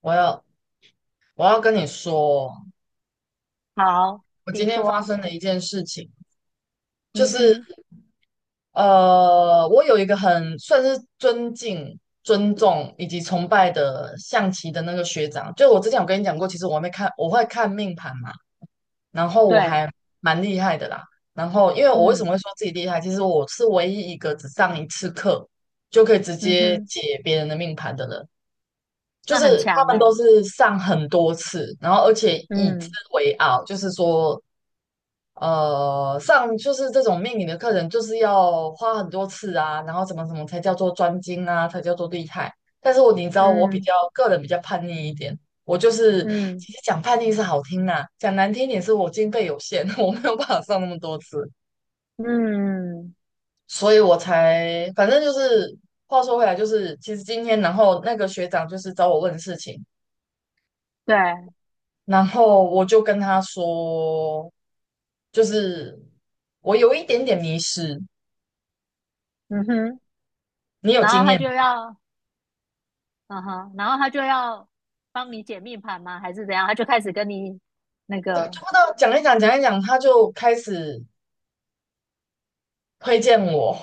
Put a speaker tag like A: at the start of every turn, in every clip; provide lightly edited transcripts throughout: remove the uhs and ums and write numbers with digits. A: 我要我要跟你说，
B: 好，
A: 我
B: 请
A: 今天发
B: 说。
A: 生了一件事情，就
B: 嗯
A: 是
B: 哼，
A: 我有一个很算是尊敬、尊重以及崇拜的象棋的那个学长，就我之前有跟你讲过，其实我还没看，我会看命盘嘛，然后我
B: 对，
A: 还蛮厉害的啦。然后因为我为什么
B: 嗯
A: 会说自己厉害，其实我是唯一一个只上一次课就可以直
B: 嗯
A: 接
B: 哼，
A: 解别人的命盘的人。就
B: 那很
A: 是他
B: 强
A: 们都
B: 哎。
A: 是上很多次，然后而且以之
B: 嗯
A: 为傲，就是这种命理的课程，就是要花很多次啊，然后怎么才叫做专精啊，才叫做厉害。但是我你知道，我比
B: 嗯
A: 较个人比较叛逆一点，我就是
B: 嗯
A: 其实讲叛逆是好听啦，讲难听一点是我经费有限，我没有办法上那么多次，
B: 嗯，
A: 所以我才反正就是话说回来，就是其实今天，然后那个学长就是找我问事情，
B: 对，
A: 然后我就跟他说，就是我有一点点迷失，
B: 嗯哼，
A: 你有
B: 然
A: 经
B: 后他
A: 验
B: 就
A: 吗？
B: 要，然后他就要帮你解命盘吗？还是怎样？他就开始跟你那
A: 对，
B: 个，
A: 不知道讲一讲，他就开始推荐我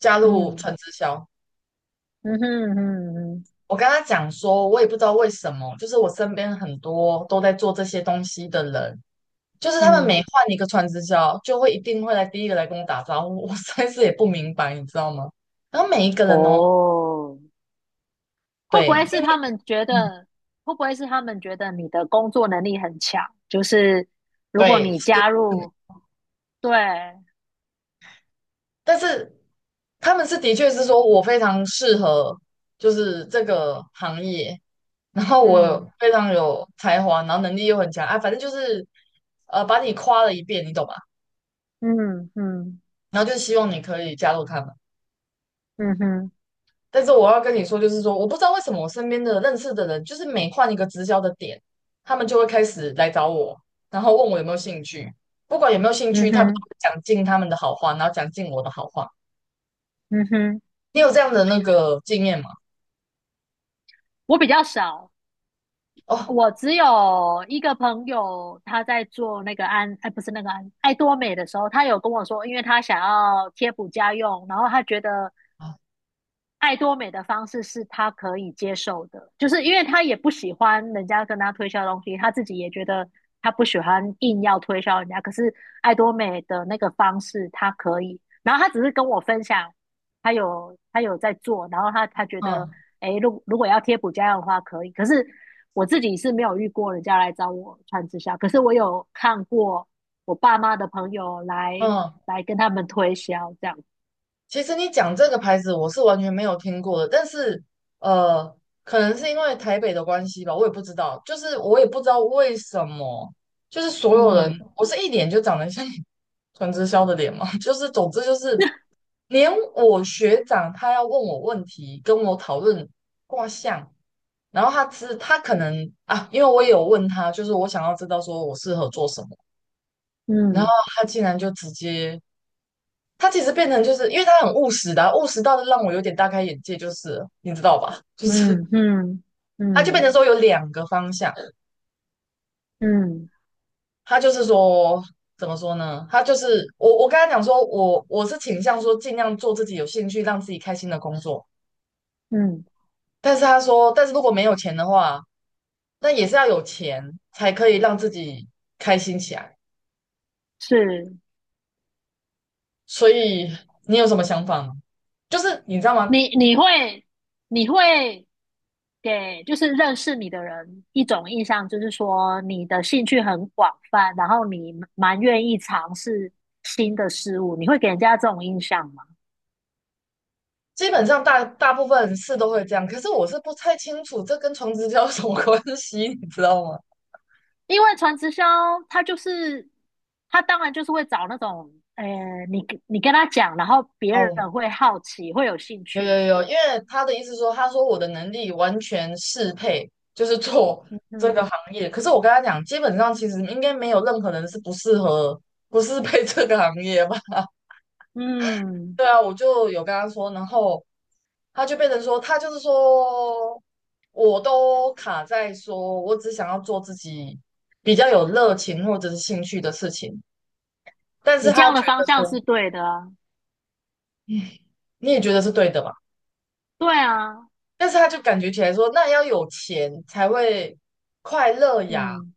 A: 加入
B: 嗯
A: 纯直销。
B: 嗯哼嗯嗯
A: 我跟他讲说，我也不知道为什么，就是我身边很多都在做这些东西的人，就是他们每
B: 嗯，
A: 换一个传直销，就会一定会来第一个来跟我打招呼。我实在是也不明白，你知道吗？然后每一个人哦，
B: 哦，会不
A: 对，
B: 会是
A: 因为
B: 他们觉
A: 嗯，
B: 得，会不会是他们觉得你的工作能力很强？就是如果
A: 对，
B: 你
A: 是。
B: 加入，对。
A: 但是他们是的确是说我非常适合，就是这个行业，然后我
B: 嗯
A: 非常有才华，然后能力又很强啊，反正就是把你夸了一遍，你懂吧？
B: 嗯嗯
A: 然后就希望你可以加入他们。
B: 嗯哼
A: 但是我要跟你说，就是说我不知道为什么我身边的认识的人，就是每换一个直销的点，他们就会开始来找我，然后问我有没有兴趣。不管有没有兴
B: 嗯
A: 趣，他们都
B: 哼
A: 会讲尽他们的好话，然后讲尽我的好话。
B: 嗯哼，
A: 你有这样的那个经验吗？
B: 我比较少，
A: 哦，
B: 我只有一个朋友，他在做那个安，哎，不是那个安，爱多美的时候，他有跟我说，因为他想要贴补家用，然后他觉得爱多美的方式是他可以接受的，就是因为他也不喜欢人家跟他推销东西，他自己也觉得他不喜欢硬要推销人家。可是爱多美的那个方式他可以，然后他只是跟我分享，他有在做，然后他觉得，
A: 嗯
B: 诶，如果要贴补家用的话可以。可是我自己是没有遇过人家来找我穿直销，可是我有看过我爸妈的朋友来
A: 嗯。
B: 跟他们推销这样，
A: 其实你讲这个牌子，我是完全没有听过的，但是呃，可能是因为台北的关系吧，我也不知道，就是我也不知道为什么，就是所有人，
B: 嗯
A: 我是一脸就长得像 传直销的脸嘛，就是总之就是连我学长他要问我问题，跟我讨论卦象，然后他知他可能啊，因为我也有问他，就是我想要知道说我适合做什么，然后
B: 嗯。
A: 他竟然就直接他其实变成就是因为他很务实的啊，务实到的让我有点大开眼界，就是你知道吧？就是
B: 嗯嗯
A: 他就变
B: 嗯
A: 成说有两个方向，
B: 嗯
A: 他就是说怎么说呢？他就是我跟他讲说，我是倾向说尽量做自己有兴趣、让自己开心的工作，
B: 嗯，
A: 但是他说，但是如果没有钱的话，那也是要有钱才可以让自己开心起来。
B: 是
A: 所以你有什么想法吗？就是你知道吗？
B: 你你会你会给就是认识你的人一种印象，就是说你的兴趣很广泛，然后你蛮愿意尝试新的事物，你会给人家这种印象吗？
A: 基本上大部分是都会这样，可是我是不太清楚这跟床直交有什么 关系，你知道吗？
B: 因为传直销，他就是他当然就是会找那种，你跟他讲，然后别
A: 哦，
B: 人会好奇，会有兴
A: 有
B: 趣。
A: 有有，因为他的意思说，他说我的能力完全适配，就是做这个
B: 嗯
A: 行业。可是我跟他讲，基本上其实应该没有任何人是不适合、不适配这个行业吧？
B: 嗯，
A: 对啊，我就有跟他说，然后他就是说，我都卡在说我只想要做自己比较有热情或者是兴趣的事情。但
B: 你
A: 是
B: 这
A: 他
B: 样的
A: 觉
B: 方
A: 得
B: 向
A: 说，
B: 是对的啊。
A: 你也觉得是对的嘛？
B: 对啊，
A: 但是他就感觉起来说，那要有钱才会快乐呀。
B: 嗯，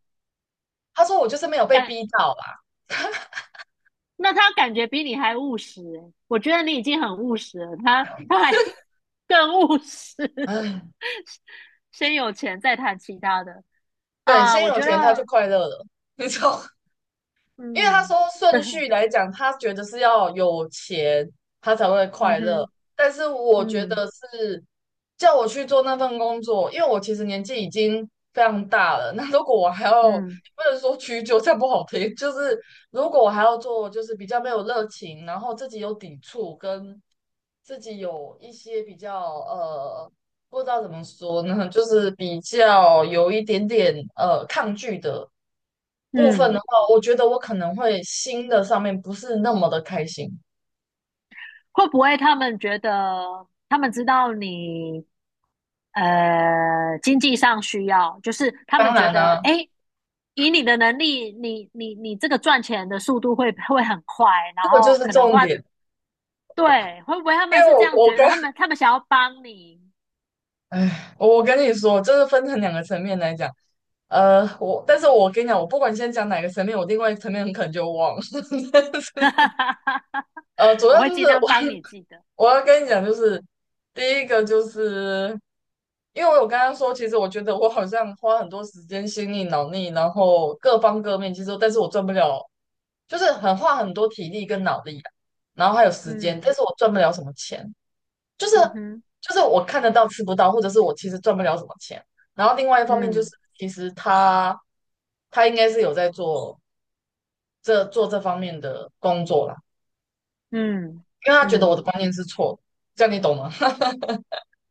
A: 他说我就是没有被
B: 感，
A: 逼到啦，
B: 那他感觉比你还务实欸，我觉得你已经很务实了，他还 更务实，
A: 唉，
B: 先有钱再谈其他的
A: 对，
B: 啊，
A: 先
B: 我
A: 有
B: 觉
A: 钱他就
B: 得，
A: 快乐了，你知道吗？因为他
B: 嗯，
A: 说顺 序来讲，他觉得是要有钱，他才会
B: 嗯
A: 快乐。
B: 哼，
A: 但是我觉
B: 嗯
A: 得是叫我去做那份工作，因为我其实年纪已经非常大了。那如果我还要，
B: 嗯
A: 不能说屈就，这样不好听。就是如果我还要做，就是比较没有热情，然后自己有抵触跟自己有一些比较不知道怎么说呢，就是比较有一点点抗拒的部分
B: 嗯，
A: 的话，我觉得我可能会新的上面不是那么的开心。
B: 会不会他们觉得他们知道你经济上需要，就是他
A: 当
B: 们觉
A: 然
B: 得
A: 啦、
B: 诶，以你的能力，你这个赚钱的速度会很快，然
A: 这个就
B: 后
A: 是
B: 可能
A: 重
B: 花
A: 点，
B: 对，会不会他
A: 因
B: 们
A: 为
B: 是这
A: 我
B: 样
A: 我
B: 觉
A: 跟
B: 得？他们想要帮你，
A: 哎，我跟你说，就是分成两个层面来讲。我但是我跟你讲，我不管先讲哪个层面，我另外一个层面很可能就忘了。呃，主
B: 我
A: 要
B: 会
A: 就是
B: 尽量
A: 我
B: 帮你记得。
A: 我要跟你讲，就是第一个就是，因为我有跟他说，其实我觉得我好像花很多时间、心力、脑力，然后各方各面，其实但是我赚不了，就是很花很多体力跟脑力啊，然后还有时间，但
B: 嗯
A: 是我赚不了什么钱，就是
B: 嗯哼，
A: 就是我看得到吃不到，或者是我其实赚不了什么钱。然后另外一方面就是，
B: 嗯
A: 其实他应该是有在做做这方面的工作啦，
B: 嗯
A: 因为他觉得我的
B: 嗯
A: 观念是错的，这样你懂吗？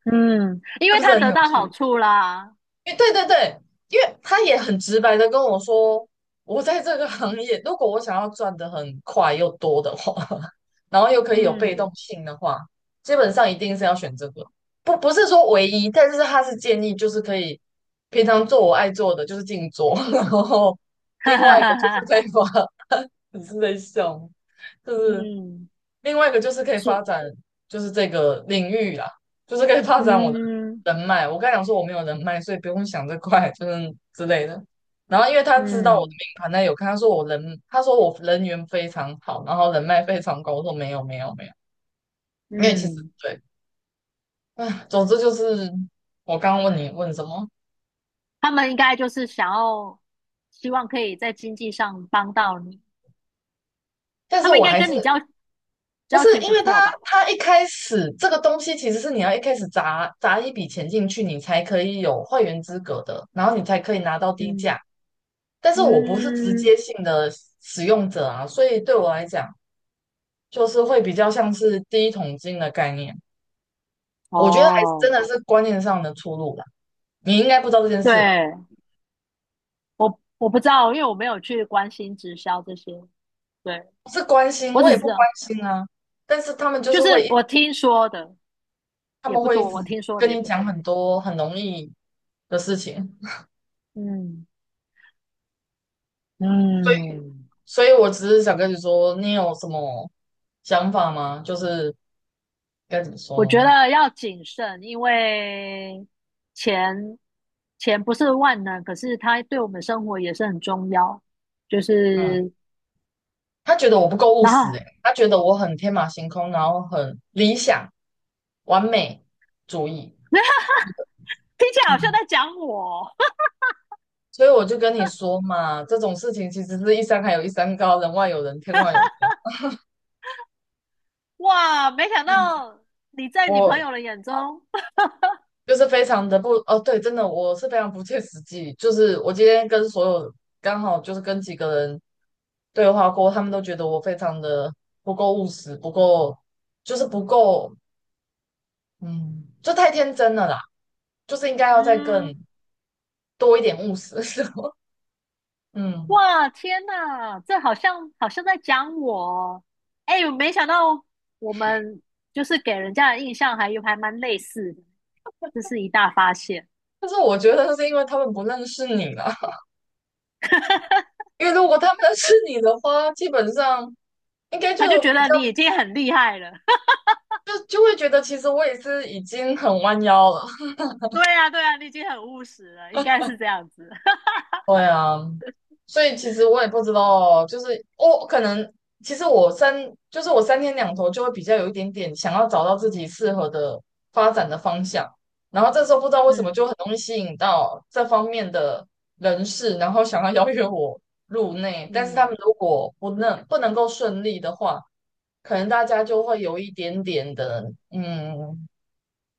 B: 嗯，因
A: 是
B: 为
A: 不是
B: 他
A: 很
B: 得
A: 有
B: 到好
A: 趣？
B: 处啦。
A: 因为对对对，因为他也很直白的跟我说，我在这个行业，如果我想要赚的很快又多的话，然后又可以有被动
B: 嗯，
A: 性的话，基本上一定是要选这个。不是说唯一，但是他是建议，就是可以平常做我爱做的，就是静坐，然后另外一个就是废 话。你是在笑吗？就是
B: 嗯，
A: 另外一个就是可以
B: 是，
A: 发展，就是这个领域啦，就是可以发展我的
B: 嗯
A: 人脉。我刚才讲说我没有人脉，所以不用想这块，就是之类的。然后因为他知道我的
B: 嗯
A: 名盘，他有看，他说我人缘非常好，然后人脉非常高。我说没有没有没有，因为其实
B: 嗯，
A: 对，唉，总之就是我刚刚问你问什么，
B: 他们应该就是想要，希望可以在经济上帮到你。
A: 但
B: 他
A: 是
B: 们应
A: 我
B: 该
A: 还
B: 跟
A: 是
B: 你
A: 不
B: 交
A: 是，
B: 情
A: 因
B: 不
A: 为他，
B: 错吧？
A: 他一开始这个东西其实是你要一开始砸一笔钱进去，你才可以有会员资格的，然后你才可以拿到低价。
B: 嗯
A: 但是我不是直
B: 嗯，
A: 接性的使用者啊，所以对我来讲，就是会比较像是第一桶金的概念。我觉得还是
B: 哦。
A: 真的是观念上的出入啦。你应该不知道这件事吧？
B: 对，我我不知道，因为我没有去关心直销这些。对，
A: 不是关心，
B: 我
A: 我也
B: 只知
A: 不关
B: 道，
A: 心啊。但是他们就
B: 就
A: 是会
B: 是
A: 一，
B: 我听说的
A: 他们会一直
B: 我听说
A: 跟
B: 的也
A: 你
B: 不多。
A: 讲很多很容易的事情。
B: 嗯，
A: 所以。
B: 嗯，
A: 所以我只是想跟你说，你有什么想法吗？就是该怎么
B: 我
A: 说
B: 觉
A: 呢？
B: 得要谨慎，因为钱钱不是万能，可是它对我们生活也是很重要。就
A: 嗯，
B: 是，
A: 他觉得我不够务
B: 然
A: 实、欸，
B: 后
A: 诶他觉得我很天马行空，然后很理想、完美主义。
B: 听起来好像在
A: 嗯，
B: 讲我，
A: 所以我就跟你说嘛，这种事情其实是一山还有一山高，人外有人，天外有天。
B: 哇，没想到你在你朋
A: 我
B: 友的眼中，
A: 就是非常的不哦，对，真的我是非常不切实际。就是我今天跟所有刚好就是跟几个人对话过，他们都觉得我非常的不够务实，不够，嗯，就太天真了啦。就是应该要再更
B: 嗯。
A: 多一点务实，嗯。
B: 哇，天呐，这好像在讲我哦。哎，我没想到我们就是给人家的印象还蛮类似的，这是一大发现。
A: 但是我觉得是因为他们不认识你了，因为如果他们认识你的话，基本上应该就
B: 他就觉
A: 比
B: 得
A: 较
B: 你已经很厉害了。
A: 就会觉得其实我也是已经很弯腰了。
B: 对呀，对呀，你已经很务实了，应该是这样子。
A: 对啊，所以其实我也不知道，就是我可能其实我三就是我三天两头就会比较有一点点想要找到自己适合的发展的方向，然后这时候不知道为什么
B: 嗯
A: 就很容易吸引到这方面的人士，然后想要邀约我入内，但是他们
B: 嗯，
A: 如果不能够顺利的话，可能大家就会有一点点的嗯，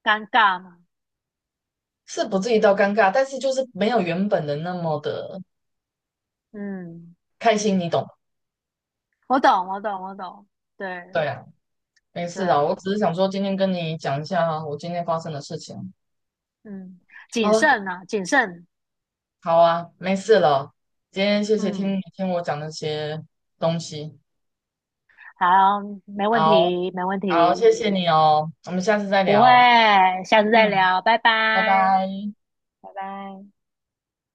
B: 尴尬嘛。
A: 是不至于到尴尬，但是就是没有原本的那么的
B: 嗯，
A: 开心，你懂吗？
B: 我懂，我懂，我懂。对
A: 对啊。没
B: 对
A: 事啦，我
B: 啊，
A: 只是想说今天跟你讲一下我今天发生的事情。
B: 嗯，
A: 好
B: 谨
A: 了，
B: 慎啊，谨慎。
A: 好啊，没事了。今天谢谢听
B: 嗯，
A: 你听我讲那些东西，
B: 好，没问
A: 好
B: 题，没问
A: 好，
B: 题。
A: 谢谢你哦，我们下次再
B: 不会，
A: 聊。
B: 下次再
A: 嗯，
B: 聊，拜
A: 拜
B: 拜。
A: 拜。
B: 拜拜。